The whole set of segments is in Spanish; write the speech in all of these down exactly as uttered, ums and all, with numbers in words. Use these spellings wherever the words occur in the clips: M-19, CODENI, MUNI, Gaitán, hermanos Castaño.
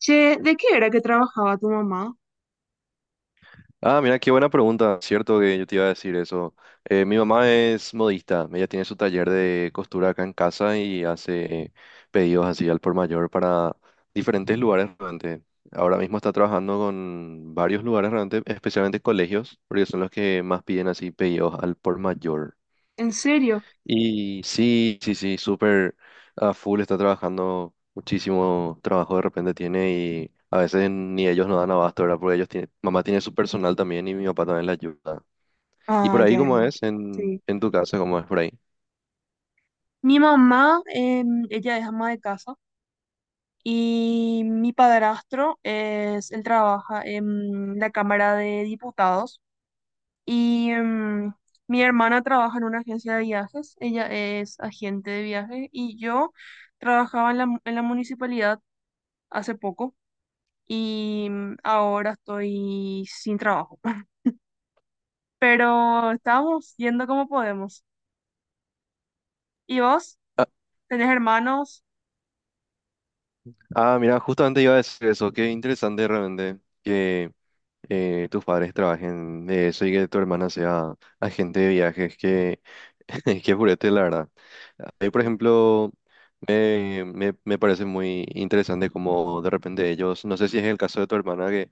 Che, ¿de qué era que trabajaba tu mamá? Ah, mira, qué buena pregunta. Cierto que yo te iba a decir eso. Eh, mi mamá es modista. Ella tiene su taller de costura acá en casa y hace pedidos así al por mayor para diferentes lugares realmente. Ahora mismo está trabajando con varios lugares realmente, especialmente colegios, porque son los que más piden así pedidos al por mayor. ¿En serio? Y sí, sí, sí, súper a full está trabajando, muchísimo trabajo de repente tiene, y a veces ni ellos no dan abasto, ¿verdad? Porque ellos tienen, mamá tiene su personal también y mi papá también la ayuda. ¿Y por Ah, ahí ya, cómo ya. es en, Sí. en tu casa, cómo es por ahí? Mi mamá, em, ella es ama de casa y mi padrastro es, él trabaja en la Cámara de Diputados y em, mi hermana trabaja en una agencia de viajes, ella es agente de viajes y yo trabajaba en la, mu- en la municipalidad hace poco y em, ahora estoy sin trabajo. Pero estamos viendo cómo podemos. ¿Y vos? Ah, ¿Tenés hermanos? Ah, mira, justamente iba a decir eso, qué interesante realmente que eh, tus padres trabajen de eso y que tu hermana sea agente de viajes, que, que purete, la verdad. Ahí, por Sí. ejemplo... Me, me, me parece muy interesante como de repente ellos, no sé si es el caso de tu hermana que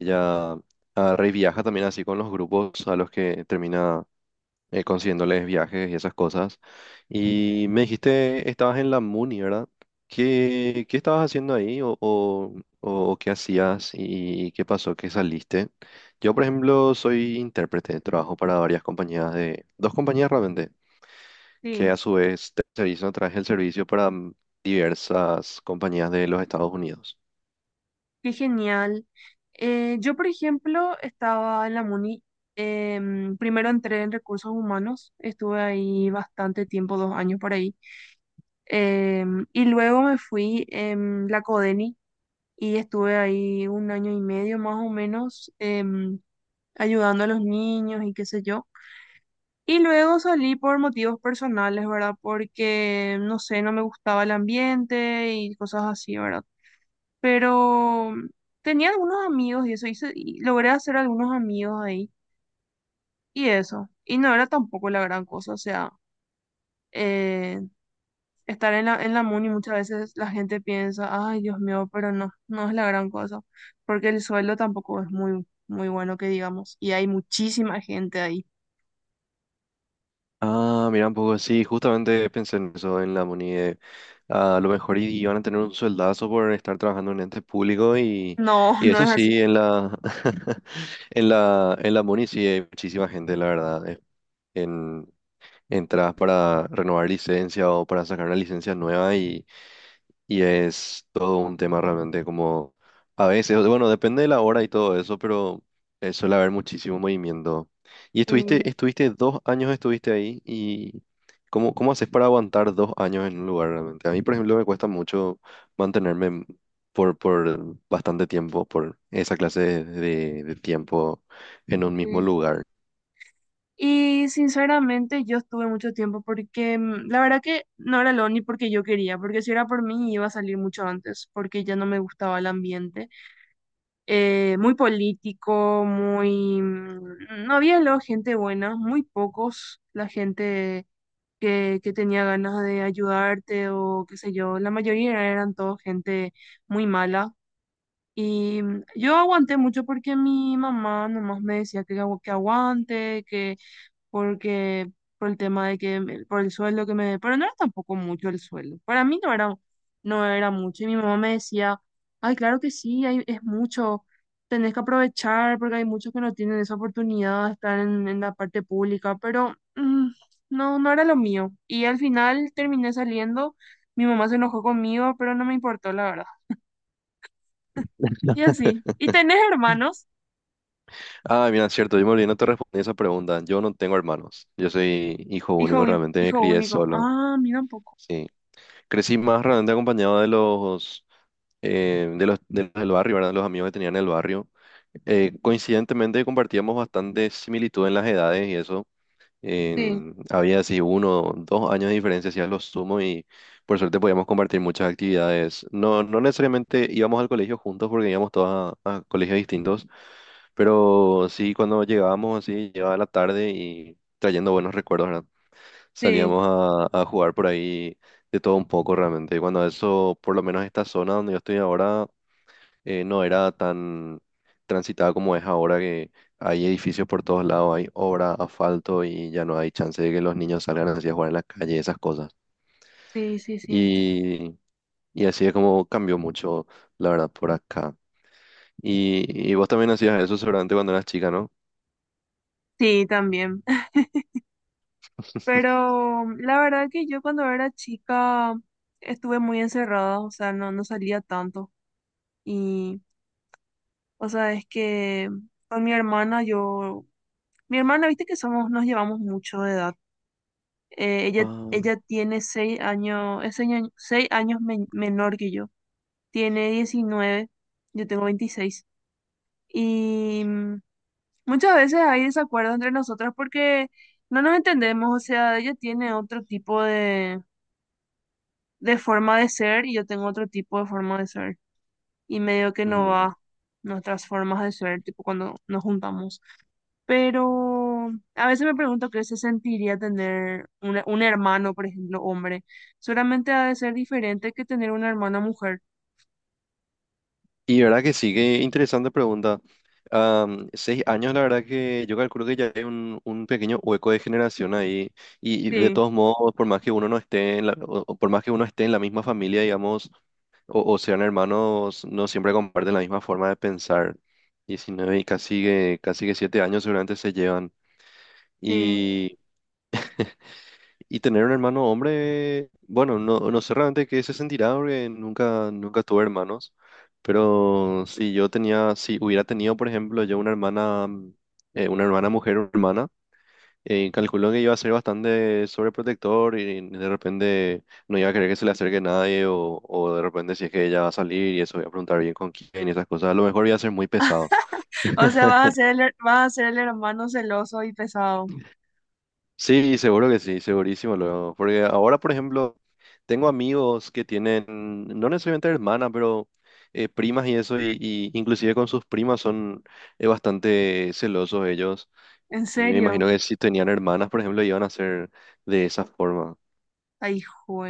ella ah, reviaja también así con los grupos a los que termina eh, consiguiéndoles viajes y esas cosas. Y me dijiste, estabas en la Muni, ¿verdad? ¿Qué, qué estabas haciendo ahí o, o- o qué hacías y qué pasó, qué saliste? Yo, por ejemplo, soy intérprete, trabajo para varias compañías de, dos compañías realmente que Sí, a su vez terceriza traje el servicio para mm, diversas compañías de los Estados Unidos. qué genial. Eh, yo, por ejemplo, estaba en la MUNI. Em, primero entré en recursos humanos, estuve ahí bastante tiempo, dos años por ahí. Em, y luego me fui en la CODENI y estuve ahí un año y medio más o menos, em, ayudando a los niños y qué sé yo. Y luego salí por motivos personales, ¿verdad? Porque, no sé, no me gustaba el ambiente y cosas así, ¿verdad? Pero tenía algunos amigos y eso, hice, y logré hacer algunos amigos ahí y eso. Y no era tampoco la gran cosa, o sea, eh, estar en la, en la MUNI muchas veces la gente piensa, ay, Dios mío, pero no, no es la gran cosa, porque el sueldo tampoco es muy, muy bueno que digamos, y hay muchísima gente ahí. Ah, mira un poco, sí, justamente pensé en eso en la M U N I. de, ah, a lo mejor y- iban a tener un sueldazo por estar trabajando en ente público y, No, y no eso es así. sí, en la, en la, en la M U N I sí hay muchísima gente, la verdad. eh, En, Entras para renovar licencia o para sacar una licencia nueva. Y es todo un tema realmente como a veces, bueno, depende de la hora y todo eso, pero eh, suele haber muchísimo movimiento. Y Sí, estuviste, estuviste dos años, estuviste ahí, y ¿cómo, cómo haces para aguantar dos años en un lugar realmente? A mí, por ejemplo, me cuesta mucho mantenerme en- por, por bastante tiempo, por esa clase de, de- de tiempo en un mismo sí. lugar. Y sinceramente yo estuve mucho tiempo porque mm, la verdad que no era lo ni porque yo quería, porque si era por mí iba a salir mucho antes, porque ya no me gustaba el ambiente. Eh, muy político, muy... mm, no había luego gente buena, muy pocos la gente que, que tenía ganas de ayudarte o qué sé yo. La mayoría eran todos gente muy mala. Y mm, yo aguanté mucho porque mi mamá nomás me decía que, agu- que aguante, que porque por el tema de que, me- por el sueldo que me, pero no era tampoco mucho el sueldo, para mí no era, no era mucho, y mi mamá me decía, ay, claro que sí, hay- es mucho, tenés que aprovechar, porque hay muchos que no tienen esa oportunidad de estar en, en la parte pública, pero mm, no, no era lo mío, y al final terminé saliendo, mi mamá se enojó conmigo, pero no me importó, la verdad, y así, ¿y tenés hermanos? Ah, mira, cierto, yo me olvidé, no te respondí esa pregunta. Yo no tengo hermanos, yo soy hijo Hijo, único un- realmente, me hijo crié único, solo. ah, mira un poco, Sí. Crecí más realmente acompañado de los, eh, de los, de los del barrio, ¿verdad? Los amigos que tenía en el barrio. Eh, coincidentemente compartíamos bastante similitud en las edades y eso. sí, En- había así uno, dos años de diferencia, hacía lo sumo, y por suerte podíamos compartir muchas actividades. No, no necesariamente íbamos al colegio juntos porque íbamos todos a, a colegios distintos, pero sí cuando llegábamos así, llegaba la tarde y trayendo buenos recuerdos, ¿verdad? sí, Salíamos a, a jugar por ahí de todo un poco realmente. Y cuando eso, por lo menos esta zona donde yo estoy ahora, eh, no era tan transitada como es ahora, que hay edificios por todos lados, hay obra, asfalto, y ya no hay chance de que los niños salgan así a jugar en la calle, esas cosas. sí, sí, sí, Y, y así es como cambió mucho, la verdad, por acá. Y, y vos también hacías eso seguramente cuando eras chica, ¿no? sí, también. Pero la verdad que yo cuando era chica estuve muy encerrada, o sea, no, no salía tanto. Y, o sea, es que con mi hermana yo, mi hermana, viste que somos, nos llevamos mucho de edad. Eh, ella, Ah, ella tiene seis años, es seis años, seis años men- menor que yo. Tiene diecinueve, yo tengo veintiséis. Y mm, muchas veces hay desacuerdo entre nosotras porque no nos entendemos, o sea, ella tiene otro tipo de de forma de ser y yo tengo otro tipo de forma de ser. Y medio que no mm. va nuestras formas de ser, tipo cuando nos juntamos. Pero a veces me pregunto qué se sentiría tener un, un hermano, por ejemplo, hombre. Solamente ha de ser diferente que tener una hermana mujer. Y verdad que sí, qué interesante pregunta. Am, seis años, la verdad que yo calculo que ya hay un, un pequeño hueco de generación ahí. Y, y de Sí, todos modos, por más que uno no esté en la, o- o por más que uno esté en la misma familia, digamos, o, o sean hermanos, no siempre comparten la misma forma de pensar. diecinueve y casi que, casi que siete años seguramente se llevan. sí. Y tener un hermano hombre, bueno, no, no sé realmente qué se sentirá porque nunca, nunca tuve hermanos. Pero si yo tenía, si hubiera tenido, por ejemplo, yo una hermana, mm, eh, una hermana mujer, una hermana, eh, calculo que iba a ser bastante sobreprotector y de repente no iba a querer que se le acerque nadie o, o de repente si es que ella va a salir y eso voy a preguntar bien con quién y esas cosas, a lo mejor iba a ser muy pesado. O sea, vas a ser el, her- vas a ser el hermano celoso y pesado. Sí, seguro que sí, segurísimo luego. Porque ahora, por ejemplo, tengo amigos que tienen, no necesariamente hermanas, pero eh, primas y eso, y, y inclusive con sus primas son eh, bastante celosos ellos. En Y me serio. imagino que si tenían hermanas, por ejemplo, iban a ser de esa forma. Ay, hijo.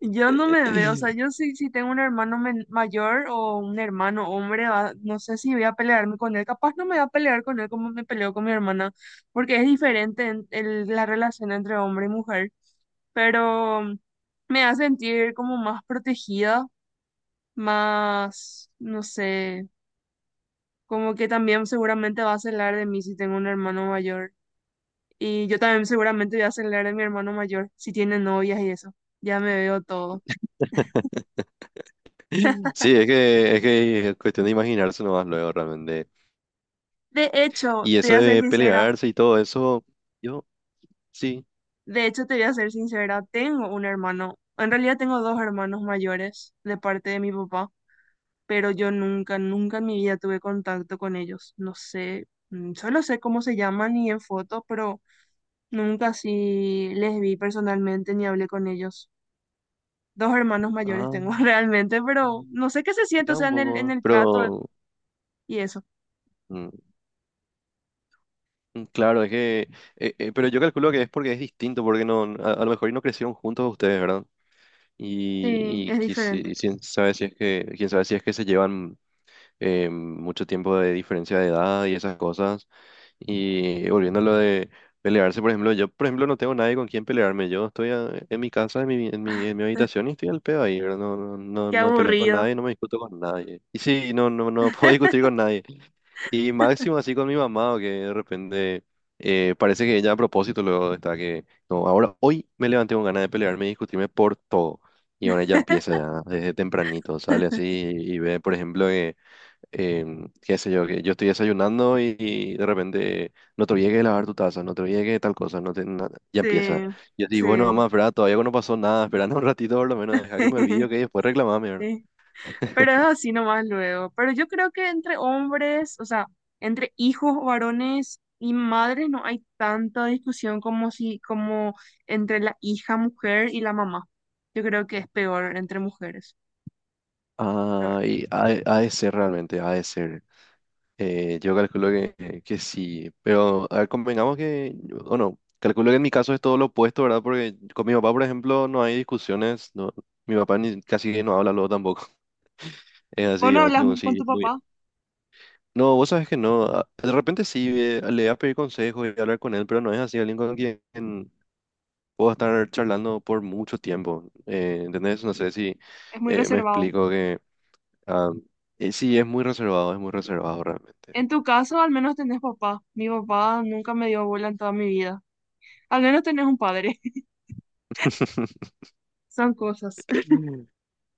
Yo no me veo, o sea, yo sí, si tengo un hermano men- mayor o un hermano hombre, va- no sé si voy a pelearme con él, capaz no me voy a pelear con él como me peleo con mi hermana, porque es diferente en- el- la relación entre hombre y mujer, pero me hace sentir como más protegida, más, no sé, como que también seguramente va a celar de mí si tengo un hermano mayor, y yo también seguramente voy a celar de mi hermano mayor si tiene novias y eso, ya me veo todo. Sí, es que, es que es cuestión de imaginarse nomás luego realmente. De hecho, Y te eso voy a ser de sincera, pelearse y todo eso, yo sí, de hecho te voy a ser sincera, tengo un hermano, en realidad tengo dos hermanos mayores de parte de mi papá, pero yo nunca, nunca en mi vida tuve contacto con ellos. No sé, mm, solo sé cómo se llaman y en fotos, pero nunca sí les vi personalmente ni hablé con ellos. Dos hermanos mayores ah, tengo, realmente, pero no sé qué se siente, o era sea, un en el, en poco, el trato pero... y eso. mm, Mm, Claro, es que, eh, eh, pero yo calculo que es porque es distinto, porque no, no- a, a lo mejor y no crecieron juntos ustedes, ¿verdad? Y, Sí, y es que si- diferente. quién sabe si es que, quién sabe si es que se llevan eh, mucho tiempo de diferencia de edad y esas cosas. Y volviendo a lo de pelearse, por ejemplo, yo, por ejemplo, no tengo nadie con quien pelearme. Yo estoy a- en mi casa, en mi, en mi, en mi habitación y estoy al pedo ahí, ¿verdad? No, no, no, Qué no me peleo con aburrido. nadie, no me discuto con nadie. Y sí, no, no, no puedo discutir con nadie. Y máximo así con mi mamá, o que de repente eh, parece que ella a propósito luego está que, no, ahora hoy me levanté con ganas de pelearme y discutirme por todo. Y ahora ella empieza ya desde tempranito, sale así y, y ve, por ejemplo, que, em, qué sé yo, que yo estoy desayunando y, y de repente no te olvides de lavar tu taza, no te olvides de tal cosa, no te, na-". Ya empieza. Sí, Yo digo, sí. bueno, mamá, espera, todavía no pasó nada, esperando un ratito por lo menos, deja que me olvide, que después reclamame, ¿verdad? Sí. Pero es así nomás luego. Pero yo creo que entre hombres, o sea, entre hijos varones y madres no hay tanta discusión como si, como entre la hija mujer y la mamá. Yo creo que es peor entre mujeres. Ah, Peor. y ha, de ha de ser realmente, ha de ser. Eh, yo calculo que, que sí, pero a ver, convengamos que, o no, calculo que en mi caso es todo lo opuesto, ¿verdad? Porque con mi papá, por ejemplo, no hay discusiones, no, mi papá ni, casi que no habla luego tampoco. Es Vos así, no o hablas que mu- con sí, tu muy... papá, No, vos sabes que no, a- de repente sí, eh, le voy a pedir consejos y hablar con él, pero no es así, alguien con quien puedo estar charlando por mucho tiempo, eh, ¿entendés? No sé si es muy eh, me reservado. explico que... ah, eh, sí, es muy reservado, es muy reservado realmente. En tu caso, al menos tenés papá. Mi papá nunca me dio bola en toda mi vida. Al menos tenés un padre. Son cosas.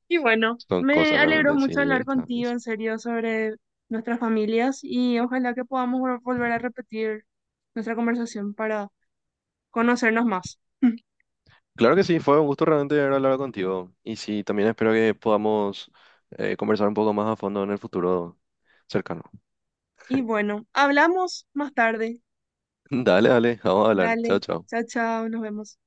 Y bueno, Son me cosas alegró realmente, sí, mucho ahí hablar está, contigo pues. en serio sobre nuestras familias y ojalá que podamos vol- volver a repetir nuestra conversación para conocernos más. Claro que sí, fue un gusto realmente haber hablado contigo. Y sí, también espero que podamos eh, conversar un poco más a fondo en el futuro cercano. Y bueno, hablamos más tarde. Dale, dale, vamos a hablar. Dale, Chao, chao. chao, chao, nos vemos.